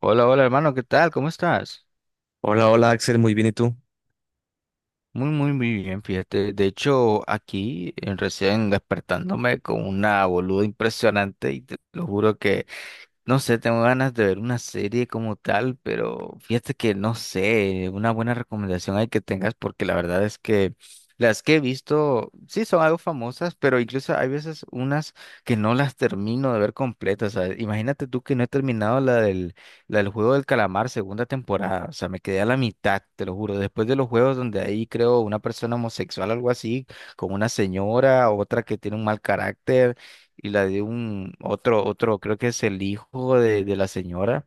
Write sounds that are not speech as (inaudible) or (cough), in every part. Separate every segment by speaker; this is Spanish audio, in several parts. Speaker 1: Hola, hola hermano, ¿qué tal? ¿Cómo estás?
Speaker 2: Hola, hola Axel, muy bien, ¿y tú?
Speaker 1: Muy, muy, muy bien, fíjate. De hecho, aquí recién despertándome con una boluda impresionante y te lo juro que no sé, tengo ganas de ver una serie como tal, pero fíjate que no sé, una buena recomendación hay que tengas porque la verdad es que las que he visto, sí son algo famosas, pero incluso hay veces unas que no las termino de ver completas. O imagínate tú que no he terminado la del Juego del Calamar segunda temporada, o sea, me quedé a la mitad, te lo juro, después de los juegos donde ahí creo una persona homosexual, algo así, con una señora, otra que tiene un mal carácter y la de un otro, creo que es el hijo de la señora.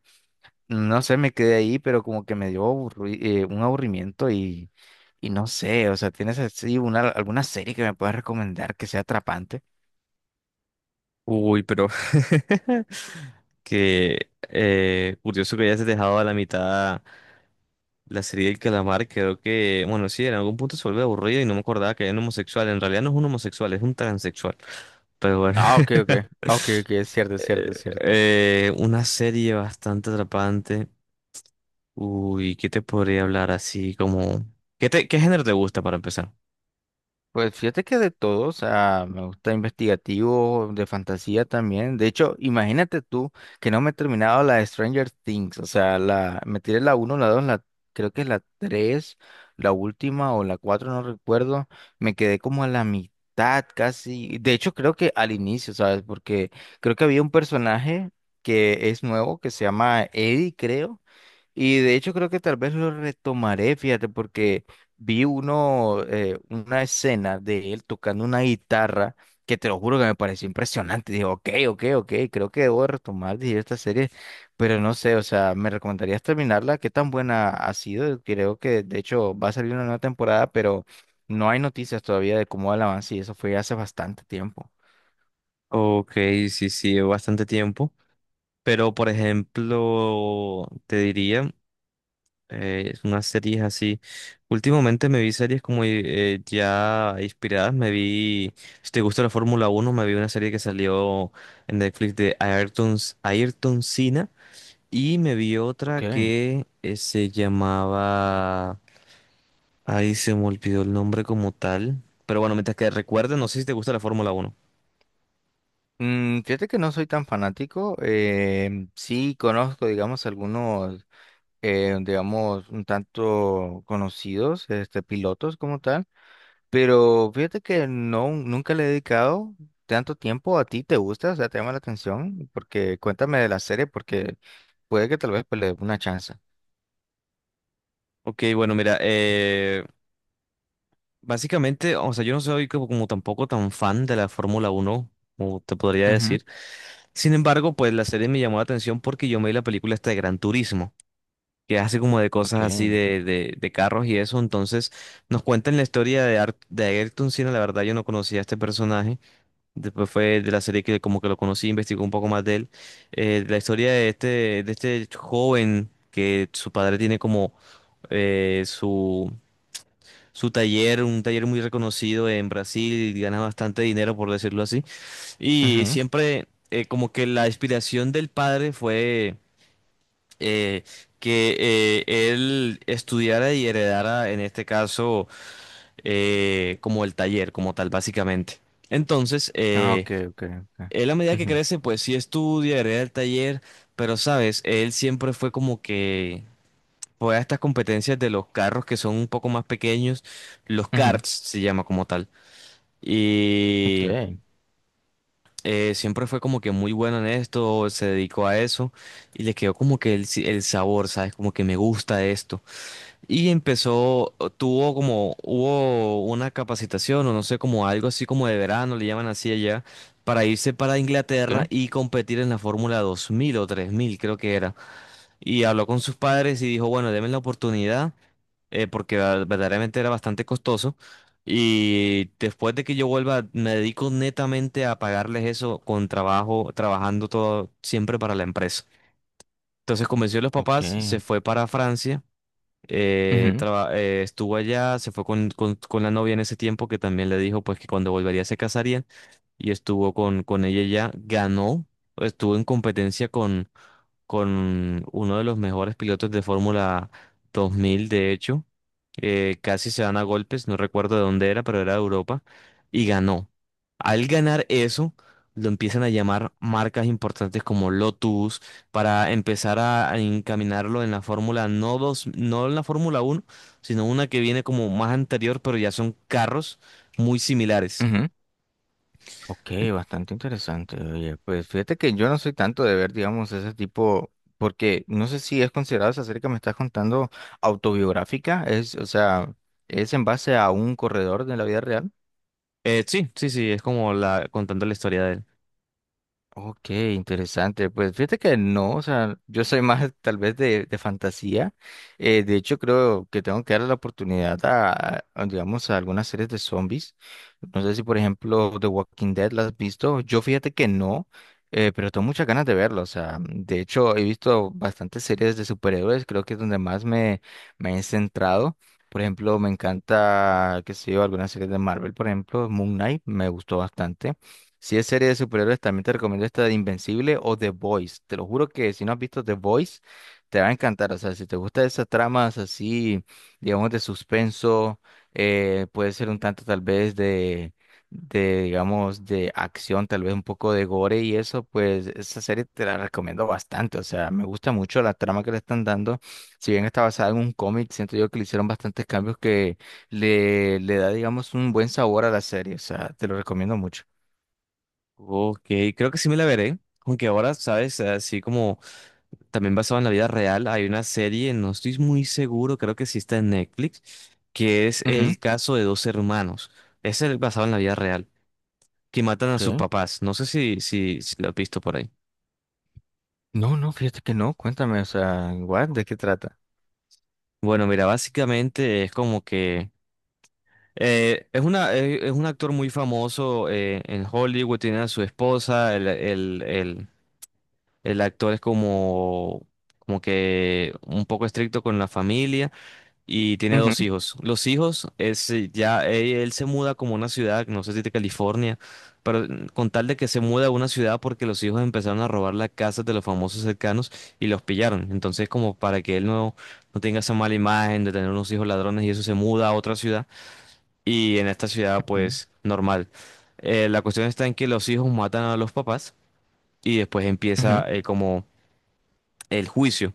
Speaker 1: No sé, me quedé ahí, pero como que me dio un aburrimiento y no sé, o sea, ¿tienes así alguna serie que me puedas recomendar que sea atrapante?
Speaker 2: Uy, pero (laughs) que curioso que hayas dejado a la mitad la serie del calamar. Creo que, bueno, sí, en algún punto se vuelve aburrido y no me acordaba que era un homosexual. En realidad no es un homosexual, es un transexual, pero bueno.
Speaker 1: Ah, ok, ok,
Speaker 2: (laughs)
Speaker 1: ok, ok, es cierto, es cierto, es
Speaker 2: Eh,
Speaker 1: cierto.
Speaker 2: una serie bastante atrapante. Uy, ¿qué te podría hablar así como... ¿Qué género te gusta para empezar?
Speaker 1: Pues fíjate que de todo, o sea, me gusta investigativo, de fantasía también. De hecho, imagínate tú que no me he terminado la de Stranger Things, o sea, me tiré la uno, la 2, creo que es la 3, la última o la 4 no recuerdo. Me quedé como a la mitad casi. De hecho, creo que al inicio, ¿sabes? Porque creo que había un personaje que es nuevo, que se llama Eddie, creo, y de hecho creo que tal vez lo retomaré, fíjate, porque vi uno, una escena de él tocando una guitarra que te lo juro que me pareció impresionante. Dije, ok, ok, ok, creo que debo retomar, dije, esta serie, pero no sé, o sea, me recomendarías terminarla, qué tan buena ha sido. Creo que de hecho va a salir una nueva temporada, pero no hay noticias todavía de cómo va el avance y eso fue hace bastante tiempo.
Speaker 2: Ok, sí, sí, bastante tiempo. Pero, por ejemplo, te diría, unas series así. Últimamente me vi series como ya inspiradas. Me vi, si te gusta la Fórmula uno, me vi una serie que salió en Netflix de Ayrton, Ayrton Senna. Y me vi otra
Speaker 1: Okay.
Speaker 2: que se llamaba... Ahí se me olvidó el nombre como tal. Pero bueno, mientras que recuerdes, no sé si te gusta la Fórmula uno.
Speaker 1: Mm, fíjate que no soy tan fanático, sí conozco, digamos, algunos digamos, un tanto conocidos, este, pilotos como tal, pero fíjate que no, nunca le he dedicado tanto tiempo a ti, ¿te gusta? O sea, te llama la atención, porque cuéntame de la serie, porque puede que tal vez pues, le dé una chance.
Speaker 2: Ok, bueno, mira, básicamente, o sea, yo no soy como, como tampoco tan fan de la Fórmula uno como te podría
Speaker 1: Ujú,
Speaker 2: decir. Sin embargo, pues la serie me llamó la atención porque yo me vi la película esta de Gran Turismo, que hace como de cosas
Speaker 1: ok,
Speaker 2: así de carros y eso. Entonces, nos cuentan la historia de, de Ayrton Senna. La verdad, yo no conocía a este personaje. Después fue de la serie que como que lo conocí, investigó un poco más de él. La historia de este joven, que su padre tiene como eh, su su taller, un taller muy reconocido en Brasil, y gana bastante dinero, por decirlo así. Y
Speaker 1: ujú.
Speaker 2: siempre como que la inspiración del padre fue eh, que él estudiara y heredara, en este caso, como el taller, como tal, básicamente. Entonces,
Speaker 1: Ah, ok, ok, ok,
Speaker 2: él, a medida que
Speaker 1: ujú,
Speaker 2: crece, pues sí estudia, hereda el taller, pero sabes, él siempre fue como que... Fue a estas competencias de los carros que son un poco más pequeños, los
Speaker 1: ujú,
Speaker 2: karts se llama como tal.
Speaker 1: ok,
Speaker 2: Y siempre fue como que muy bueno en esto, se dedicó a eso y le quedó como que el, el sabor, ¿sabes? Como que me gusta esto. Y empezó, tuvo como, hubo una capacitación o no sé, como algo así como de verano, le llaman así allá, para irse para Inglaterra
Speaker 1: ok,
Speaker 2: y competir en la Fórmula 2000 o 3000, creo que era. Y habló con sus padres y dijo, bueno, denme la oportunidad porque verdaderamente era bastante costoso. Y después de que yo vuelva, me dedico netamente a pagarles eso con trabajo, trabajando todo siempre para la empresa. Entonces convenció a los
Speaker 1: ok,
Speaker 2: papás, se fue para Francia,
Speaker 1: ujú,
Speaker 2: estuvo allá, se fue con la novia en ese tiempo, que también le dijo pues que cuando volvería se casarían, y estuvo con ella. Ya ganó, estuvo en competencia con uno de los mejores pilotos de Fórmula 2000, de hecho. Casi se dan a golpes, no recuerdo de dónde era, pero era de Europa, y ganó. Al ganar eso, lo empiezan a llamar marcas importantes como Lotus para empezar a encaminarlo en la Fórmula, no dos, no en la Fórmula 1, sino una que viene como más anterior, pero ya son carros muy similares.
Speaker 1: ujú. Ok, bastante interesante. Oye, pues fíjate que yo no soy tanto de ver, digamos, ese tipo, porque no sé si es considerado esa serie que me estás contando autobiográfica, es, o sea, es en base a un corredor de la vida real.
Speaker 2: Sí, sí, sí, es como contando la historia de él.
Speaker 1: Ok, interesante. Pues fíjate que no, o sea, yo soy más tal vez de fantasía. De hecho, creo que tengo que darle la oportunidad digamos, a algunas series de zombies. No sé si, por ejemplo, The Walking Dead la has visto. Yo fíjate que no, pero tengo muchas ganas de verlo. O sea, de hecho, he visto bastantes series de superhéroes. Creo que es donde más me he centrado. Por ejemplo, me encanta, qué sé yo, algunas series de Marvel, por ejemplo, Moon Knight, me gustó bastante. Si es serie de superhéroes, también te recomiendo esta de Invencible o The Voice. Te lo juro que si no has visto The Voice, te va a encantar. O sea, si te gustan esas tramas así, digamos, de suspenso, puede ser un tanto tal vez digamos, de acción, tal vez un poco de gore y eso, pues esa serie te la recomiendo bastante. O sea, me gusta mucho la trama que le están dando. Si bien está basada en un cómic, siento yo que le hicieron bastantes cambios que le da, digamos, un buen sabor a la serie. O sea, te lo recomiendo mucho.
Speaker 2: Ok, creo que sí me la veré. Aunque ahora, sabes, así como también basado en la vida real, hay una serie, no estoy muy seguro, creo que sí está en Netflix, que es
Speaker 1: Ujú.
Speaker 2: el caso de dos hermanos. Es el basado en la vida real, que matan a sus
Speaker 1: ¿Qué?
Speaker 2: papás. No sé si lo has visto por ahí.
Speaker 1: No, no, fíjate que no. Cuéntame, o sea, what, ¿de qué trata?
Speaker 2: Bueno, mira, básicamente es como que es un actor muy famoso en Hollywood, tiene a su esposa, el actor es como que un poco estricto con la familia. Y tiene
Speaker 1: Ujú,
Speaker 2: dos hijos. Los hijos es ya él se muda como a una ciudad, no sé si de California, pero con tal de que se muda a una ciudad porque los hijos empezaron a robar las casas de los famosos cercanos y los pillaron. Entonces, como para que él no tenga esa mala imagen de tener unos hijos ladrones y eso, se muda a otra ciudad, y en esta ciudad
Speaker 1: ujú.
Speaker 2: pues normal. La cuestión está en que los hijos matan a los papás y después
Speaker 1: Ujú.
Speaker 2: empieza como el juicio.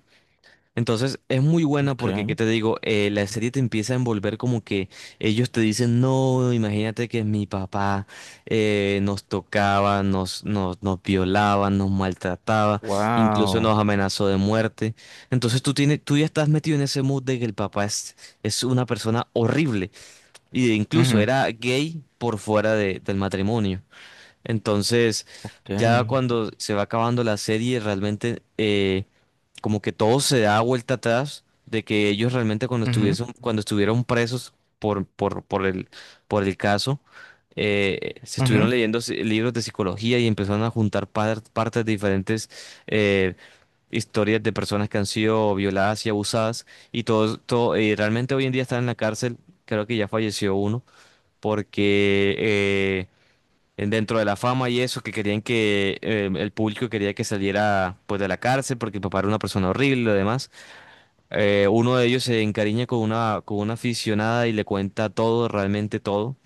Speaker 2: Entonces es muy buena porque, ¿qué
Speaker 1: Okay.
Speaker 2: te digo? La serie te empieza a envolver como que ellos te dicen, no, imagínate que mi papá nos tocaba, nos violaba, nos maltrataba, incluso
Speaker 1: Wow.
Speaker 2: nos amenazó de muerte. Entonces tú ya estás metido en ese mood de que el papá es una persona horrible, y incluso
Speaker 1: Ujú.
Speaker 2: era gay por fuera del matrimonio. Entonces... Ya
Speaker 1: Okay.
Speaker 2: cuando se va acabando la serie, realmente como que todo se da vuelta atrás, de que ellos realmente
Speaker 1: Ujú.
Speaker 2: cuando estuvieron presos por el caso, se
Speaker 1: Ujú.
Speaker 2: estuvieron leyendo libros de psicología y empezaron a juntar partes de diferentes eh, historias de personas que han sido violadas y abusadas, y todo, todo, y realmente hoy en día están en la cárcel, creo que ya falleció uno, porque dentro de la fama y eso, que querían que el público quería que saliera pues de la cárcel porque el papá era una persona horrible y lo demás. Uno de ellos se encariña con una aficionada y le cuenta todo, realmente todo.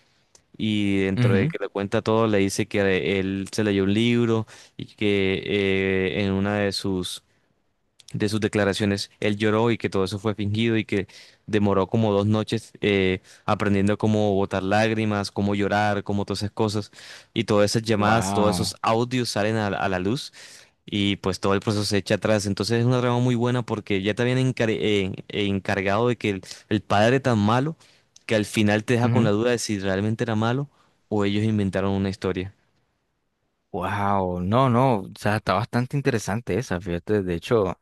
Speaker 2: Y dentro de
Speaker 1: Ujú.
Speaker 2: que le cuenta todo, le dice que él se leyó un libro y que en una de sus declaraciones él lloró, y que todo eso fue fingido y que demoró como dos noches aprendiendo cómo botar lágrimas, cómo llorar, cómo todas esas cosas. Y todas esas llamadas, todos esos
Speaker 1: Wow.
Speaker 2: audios salen a la luz, y pues todo el proceso se echa atrás. Entonces es una trama muy buena porque ya te habían encargado de que el padre tan malo, que al final te deja con la
Speaker 1: Ujú.
Speaker 2: duda de si realmente era malo o ellos inventaron una historia.
Speaker 1: Wow. No, no. O sea, está bastante interesante esa, fíjate. De hecho,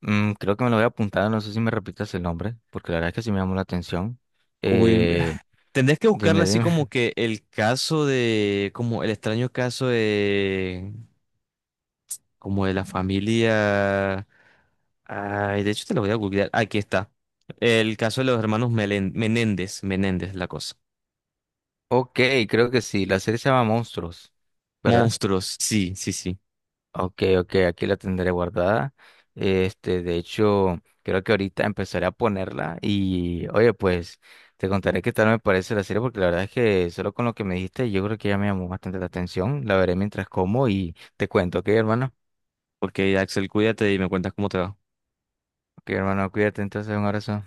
Speaker 1: mm, creo que me lo voy a apuntar. No sé si me repitas el nombre, porque la verdad es que sí me llamó la atención.
Speaker 2: Uy,
Speaker 1: Eh,
Speaker 2: tendrías que buscarle
Speaker 1: dime,
Speaker 2: así
Speaker 1: dime.
Speaker 2: como que el caso de, como el extraño caso de, como de la
Speaker 1: (laughs)
Speaker 2: familia. Ay, de hecho te lo voy a googlear. Aquí está. El caso de los hermanos Menéndez, Menéndez, la cosa.
Speaker 1: Ok, creo que sí. La serie se llama Monstruos, ¿verdad?
Speaker 2: Monstruos, sí, sí, sí.
Speaker 1: Ok, ok, aquí la tendré guardada. Este, de hecho, creo que ahorita empezaré a ponerla y, oye, pues te contaré qué tal me parece la serie porque la verdad es que solo con lo que me dijiste yo creo que ya me llamó bastante la atención. La veré mientras como y te cuento, ¿ok, hermano?
Speaker 2: Porque Axel, cuídate y me cuentas cómo te va.
Speaker 1: Ok, hermano, cuídate entonces, un abrazo.